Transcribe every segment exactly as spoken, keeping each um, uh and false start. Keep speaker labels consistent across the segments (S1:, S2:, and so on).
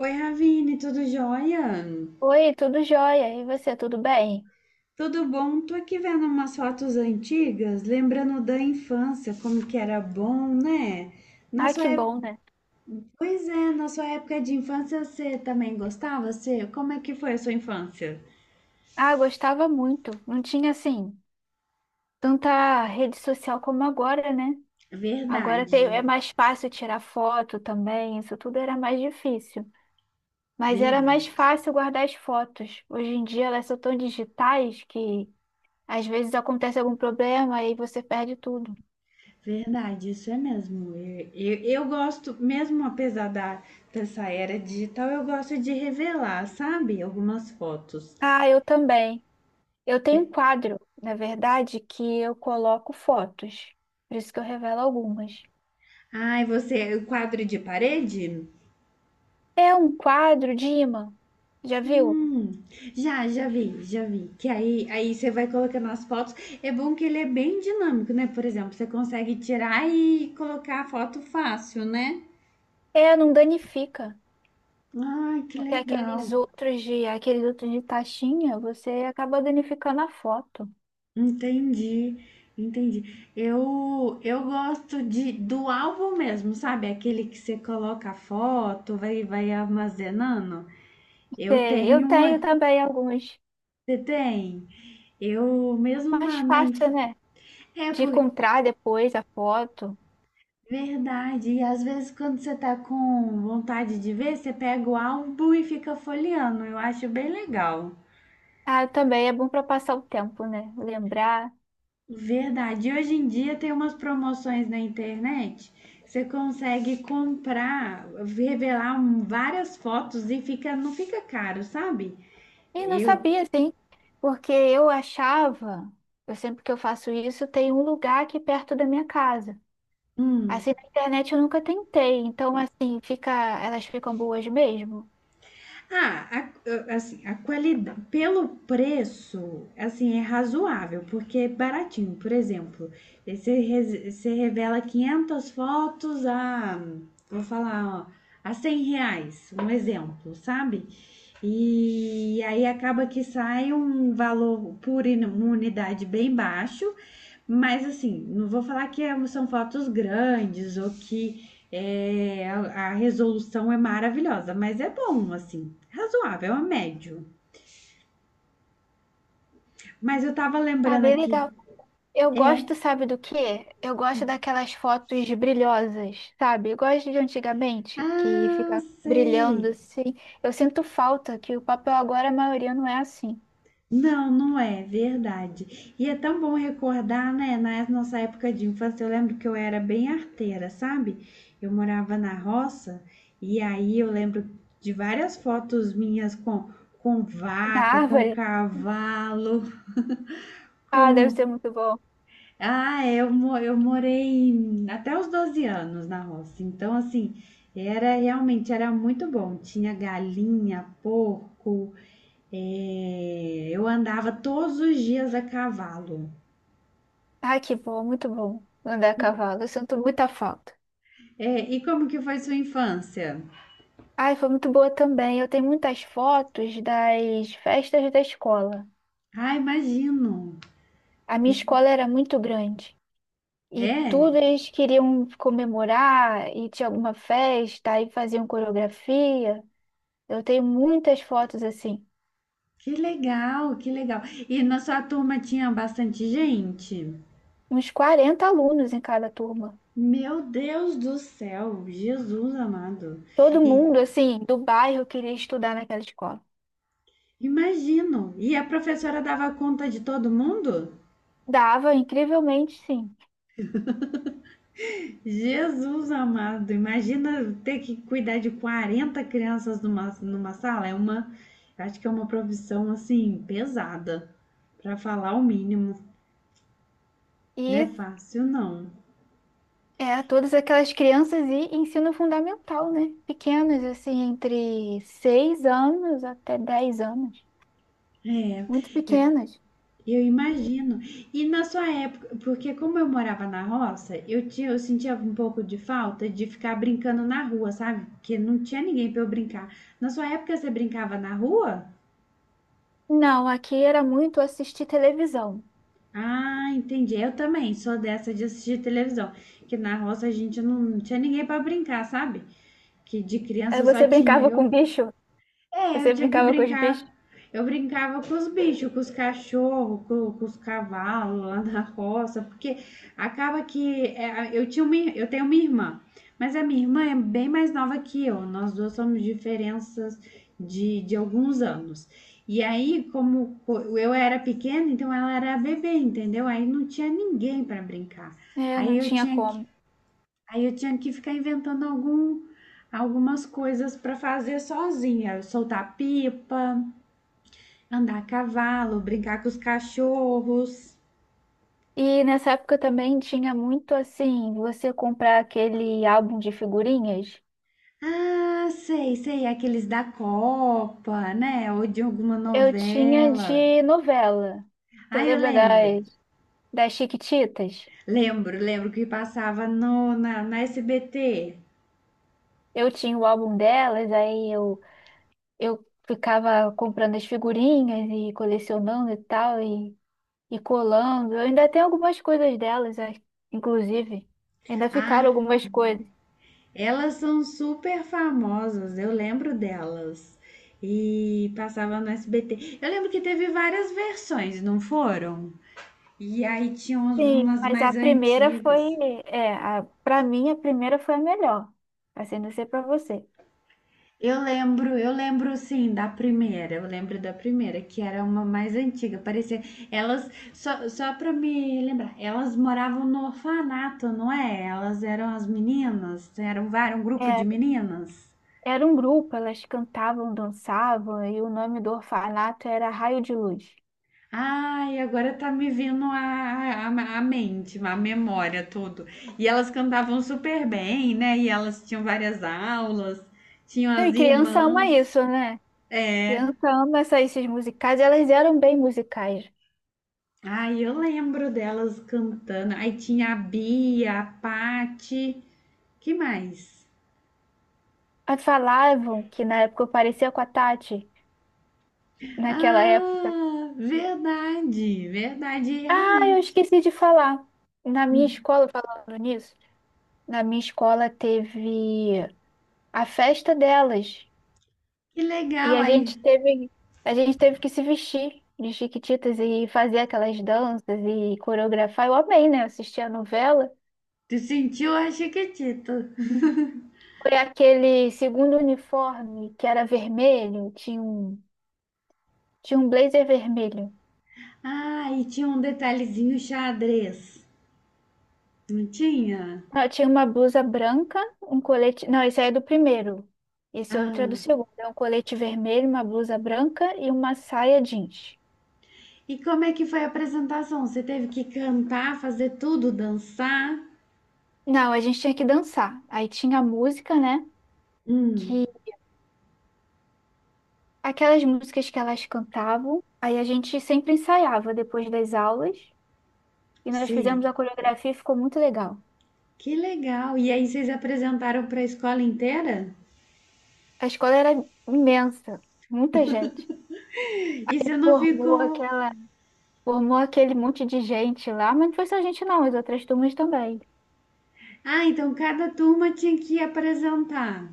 S1: Oi, Ravine, tudo jóia?
S2: Oi, tudo jóia? E você, tudo bem?
S1: Tudo bom? Tô aqui vendo umas fotos antigas, lembrando da infância, como que era bom, né? Na
S2: Ah,
S1: sua
S2: que
S1: época,
S2: bom, né?
S1: pois é, na sua época de infância você também gostava? Você, como é que foi a sua infância?
S2: Ah, gostava muito. Não tinha, assim, tanta rede social como agora, né? Agora tem-
S1: Verdade,
S2: é mais fácil tirar foto também, isso tudo era mais difícil. Mas era mais
S1: verdade.
S2: fácil guardar as fotos. Hoje em dia elas são tão digitais que às vezes acontece algum problema e você perde tudo.
S1: Verdade, isso é mesmo. Eu, eu, eu gosto, mesmo apesar da, dessa era digital, eu gosto de revelar, sabe? Algumas fotos.
S2: Ah, eu também. Eu tenho um quadro, na verdade, que eu coloco fotos. Por isso que eu revelo algumas.
S1: Ai, você, o quadro de parede?
S2: É um quadro de ímã. Já viu?
S1: Hum, já, já vi, já vi. Que aí, aí você vai colocando as fotos. É bom que ele é bem dinâmico, né? Por exemplo, você consegue tirar e colocar a foto fácil, né?
S2: É, não danifica.
S1: Ai, que
S2: Porque
S1: legal.
S2: aqueles outros de, aqueles outros de taxinha, você acaba danificando a foto.
S1: Entendi, entendi. Eu, eu gosto de, do álbum mesmo, sabe? Aquele que você coloca a foto, vai, vai armazenando. Eu
S2: Sei, eu
S1: tenho uma.
S2: tenho também alguns.
S1: Você tem? Eu mesmo
S2: Mais
S1: na, na inf-.
S2: fácil, né?
S1: É,
S2: De
S1: por.
S2: encontrar depois a foto.
S1: Verdade. E às vezes quando você tá com vontade de ver, você pega o álbum e fica folheando. Eu acho bem legal.
S2: Ah, também é bom para passar o tempo, né? Lembrar.
S1: Verdade. E hoje em dia tem umas promoções na internet. Você consegue comprar, revelar um- várias fotos e fica, não fica caro, sabe?
S2: E não
S1: Eu,
S2: sabia, assim, porque eu achava, eu sempre que eu faço isso, tem um lugar aqui perto da minha casa.
S1: hum.
S2: Assim, na internet eu nunca tentei, então assim, fica, elas ficam boas mesmo.
S1: Ah, a- assim, a qualidade, pelo preço, assim, é razoável, porque é baratinho. Por exemplo, aí você, res- você revela quinhentas fotos a, vou falar, ó, a cem reais, um exemplo, sabe? E aí acaba que sai um valor por in- uma unidade bem baixo, mas assim, não vou falar que é- são fotos grandes ou que é, a, a, resolução é maravilhosa, mas é bom, assim, razoável, é médio. Mas eu tava
S2: Ah,
S1: lembrando
S2: bem
S1: aqui,
S2: legal. Eu
S1: é.
S2: gosto, sabe do quê? Eu gosto daquelas fotos brilhosas, sabe? Eu gosto de antigamente, que
S1: Ah,
S2: fica brilhando
S1: sei.
S2: assim. Eu sinto falta que o papel agora a maioria não é assim.
S1: Não, não é verdade. E é tão bom recordar, né? Na nossa época de infância, eu lembro que eu era bem arteira, sabe? Eu morava na roça e aí eu lembro de várias fotos minhas com, com
S2: Na
S1: vaca, com
S2: árvore?
S1: cavalo,
S2: Ah, deve
S1: com.
S2: ser muito bom.
S1: Ah, eu, mo- eu morei em- até os doze anos na roça. Então, assim, era realmente era muito bom. Tinha galinha, porco, é, eu andava todos os dias a cavalo.
S2: Ai, que bom, muito bom andar a
S1: E,
S2: cavalo. Eu sinto muita falta.
S1: é, e como que foi sua infância?
S2: Ai, foi muito boa também. Eu tenho muitas fotos das festas da escola.
S1: Ah, imagino.
S2: A minha
S1: Is-.
S2: escola era muito grande. E
S1: É,
S2: tudo eles queriam comemorar, e tinha alguma festa, aí faziam coreografia. Eu tenho muitas fotos assim,
S1: que legal, que legal. E na sua turma tinha bastante gente?
S2: uns quarenta alunos em cada turma.
S1: Meu Deus do céu, Jesus amado.
S2: Todo
S1: E
S2: mundo, assim, do bairro queria estudar naquela escola.
S1: imagino. E a professora dava conta de todo mundo?
S2: Dava, incrivelmente, sim.
S1: Jesus amado, imagina ter que cuidar de quarenta crianças numa, numa sala. É uma, acho que é uma profissão assim pesada, para falar o mínimo. Não é
S2: E
S1: fácil, não.
S2: é, todas aquelas crianças e ensino fundamental, né? Pequenas, assim, entre seis anos até dez anos.
S1: É,
S2: Muito
S1: é,
S2: pequenas.
S1: eu imagino. E na sua época, porque como eu morava na roça, eu tinha, eu sentia um pouco de falta de ficar brincando na rua, sabe? Porque não tinha ninguém para eu brincar. Na sua época você brincava na rua?
S2: Não, aqui era muito assistir televisão.
S1: Ah, entendi. Eu também sou dessa de assistir televisão. Que na roça a gente não tinha ninguém para brincar, sabe? Que de
S2: Aí
S1: criança só
S2: você
S1: tinha
S2: brincava com
S1: eu.
S2: o bicho.
S1: É, eu
S2: Você
S1: tinha que
S2: brincava com os bichos?
S1: brincar. Eu brincava com os bichos, com os cachorros, com, com os cavalos lá na roça, porque acaba que é, eu tinha uma, ir- eu tenho uma irmã, mas a minha irmã é bem mais nova que eu. Nós duas somos diferenças de, de alguns anos. E aí, como co- eu era pequena, então ela era bebê, entendeu? Aí não tinha ninguém para brincar.
S2: É,
S1: Aí
S2: não
S1: eu
S2: tinha
S1: tinha que
S2: como.
S1: Aí eu tinha que ficar inventando algum, algumas coisas para fazer sozinha, soltar pipa, andar a cavalo, brincar com os cachorros.
S2: E nessa época também tinha muito assim, você comprar aquele álbum de figurinhas.
S1: Ah, sei, sei, aqueles da Copa, né? Ou de alguma
S2: Eu tinha
S1: novela.
S2: de novela. Você
S1: Ah, eu
S2: lembra
S1: lembro.
S2: das, das Chiquititas?
S1: Lembro, lembro que passava no, na, na S B T.
S2: Eu tinha o álbum delas, aí eu, eu ficava comprando as figurinhas e colecionando e tal, e, e colando. Eu ainda tenho algumas coisas delas, é, inclusive. Ainda ficaram
S1: Ah.
S2: algumas coisas.
S1: Elas são super famosas, eu lembro delas. E passava no S B T. Eu lembro que teve várias versões, não foram? E aí tinha uns-
S2: Sim,
S1: umas
S2: mas a
S1: mais
S2: primeira foi,
S1: antigas.
S2: é, a, para mim a primeira foi a melhor, assim, não sei pra você.
S1: Eu lembro, eu lembro sim da primeira. Eu lembro da primeira, que era uma mais antiga. Parecia. Elas, só, só pra me lembrar, elas moravam no orfanato, não é? Elas eram as meninas, eram, vários um grupo de
S2: É,
S1: meninas.
S2: era um grupo, elas cantavam, dançavam, e o nome do orfanato era Raio de Luz.
S1: Ai, agora tá me vindo a, a, a mente, a memória, tudo. E elas cantavam super bem, né? E elas tinham várias aulas, tinham
S2: Não, e
S1: as
S2: criança ama
S1: irmãs.
S2: isso, né?
S1: É.
S2: Criança ama essa- esses musicais, e elas eram bem musicais.
S1: Ai, eu lembro delas cantando. Aí tinha a Bia, a Pati, que mais?
S2: Elas falavam que na época eu parecia com a Tati, naquela época.
S1: Ah, verdade, verdade,
S2: Ah, eu
S1: realmente.
S2: esqueci de falar. Na minha
S1: Hum.
S2: escola, falando nisso, na minha escola teve a festa delas.
S1: Que
S2: E
S1: legal
S2: a
S1: aí.
S2: gente teve, a gente teve que se vestir de Chiquititas e fazer aquelas danças e coreografar. Eu amei, né? Assistir a novela.
S1: Tu sentiu a Chiquitita.
S2: Foi aquele segundo uniforme que era vermelho, tinha um, tinha um blazer vermelho.
S1: Ah, e tinha um detalhezinho xadrez. Não tinha?
S2: Não, tinha uma blusa branca, um colete. Não, esse aí é do primeiro. Esse outro é do
S1: Ah.
S2: segundo. É um colete vermelho, uma blusa branca e uma saia jeans.
S1: E como é que foi a apresentação? Você teve que cantar, fazer tudo, dançar?
S2: Não, a gente tinha que dançar. Aí tinha a música, né?
S1: Hum,
S2: Que aquelas músicas que elas cantavam. Aí a gente sempre ensaiava depois das aulas e nós
S1: sei.
S2: fizemos a coreografia e ficou muito legal.
S1: Que legal. E aí vocês apresentaram para a escola inteira?
S2: A escola era imensa, muita gente.
S1: E você não
S2: Formou
S1: ficou.
S2: aquela, Formou aquele monte de gente lá, mas não foi só a gente não, as outras turmas também.
S1: Ah, então cada turma tinha que apresentar.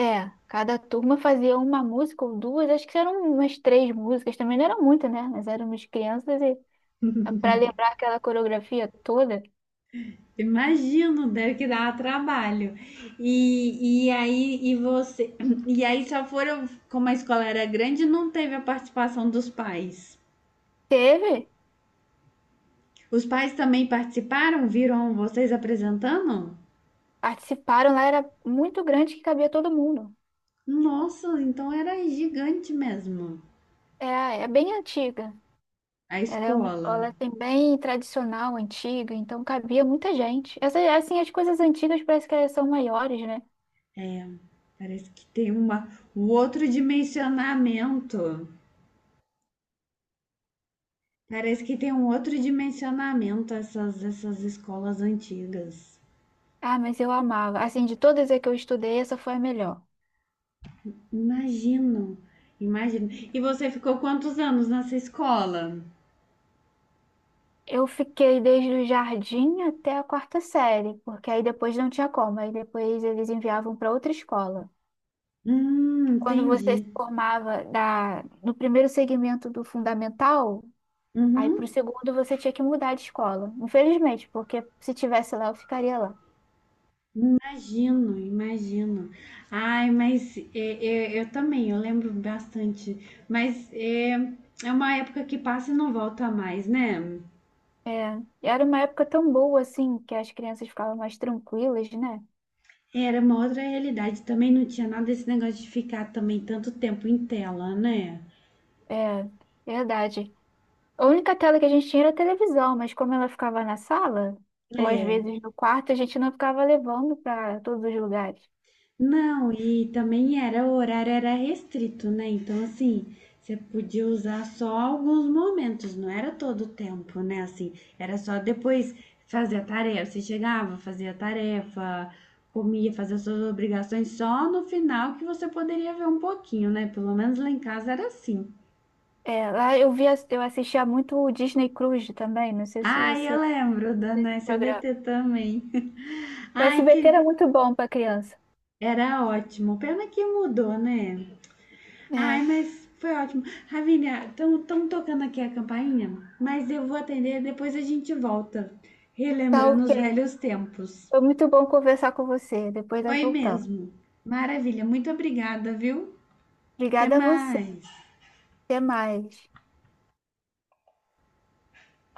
S2: É, cada turma fazia uma música ou duas, acho que eram umas três músicas, também não eram muitas, né? Nós éramos crianças e para lembrar aquela coreografia toda,
S1: Imagino, deve que dar trabalho. E, e aí e você e aí só foram, como a escola era grande, não teve a participação dos pais.
S2: teve,
S1: Os pais também participaram? Viram vocês apresentando?
S2: participaram lá, era muito grande que cabia todo mundo.
S1: Nossa, então era gigante mesmo
S2: É, é bem antiga.
S1: a
S2: Ela é uma
S1: escola.
S2: escola assim, bem tradicional, antiga, então cabia muita gente. Essa, assim, as coisas antigas parece que elas são maiores, né?
S1: Parece que tem uma, um outro dimensionamento. Parece que tem um outro dimensionamento essas, essas escolas antigas.
S2: Ah, mas eu amava. Assim, de todas as que eu estudei, essa foi a melhor.
S1: Imagino, imagino. E você ficou quantos anos nessa escola?
S2: Eu fiquei desde o jardim até a quarta série, porque aí depois não tinha como, aí depois eles enviavam para outra escola.
S1: Hum,
S2: Quando você se
S1: entendi.
S2: formava da, no primeiro segmento do fundamental, aí para o
S1: Uhum.
S2: segundo você tinha que mudar de escola. Infelizmente, porque se tivesse lá, eu ficaria lá.
S1: Imagino, imagino. Ai, mas é, é, eu também, eu lembro bastante. Mas é, é uma época que passa e não volta mais, né?
S2: É, era uma época tão boa assim, que as crianças ficavam mais tranquilas, né?
S1: Era uma outra realidade também, não tinha nada desse negócio de ficar também tanto tempo em tela, né?
S2: É, verdade. A única tela que a gente tinha era a televisão, mas como ela ficava na sala, ou às
S1: É.
S2: vezes no quarto, a gente não ficava levando para todos os lugares.
S1: Não, e também era, o horário era restrito, né? Então, assim, você podia usar só alguns momentos, não era todo o tempo, né? Assim, era só depois fazer a tarefa. Você chegava, fazia a tarefa, comia, fazia suas obrigações, só no final que você poderia ver um pouquinho, né? Pelo menos lá em casa era assim.
S2: É, lá eu via, eu assistia muito o Disney Cruise também, não sei se
S1: Ai, eu
S2: você
S1: lembro da
S2: desse
S1: na
S2: programa.
S1: S B T também.
S2: O
S1: Ai,
S2: S B T era
S1: que
S2: muito bom para criança.
S1: era ótimo. Pena que mudou, né? Ai,
S2: É,
S1: mas foi ótimo. Ravinha, estão tocando aqui a campainha, mas eu vou atender depois a gente volta.
S2: tá
S1: Relembrando
S2: ok.
S1: os velhos tempos.
S2: Foi muito bom conversar com você. Depois nós
S1: Foi
S2: voltamos.
S1: mesmo. Maravilha, muito obrigada, viu? Até
S2: Obrigada a você.
S1: mais.
S2: Até mais.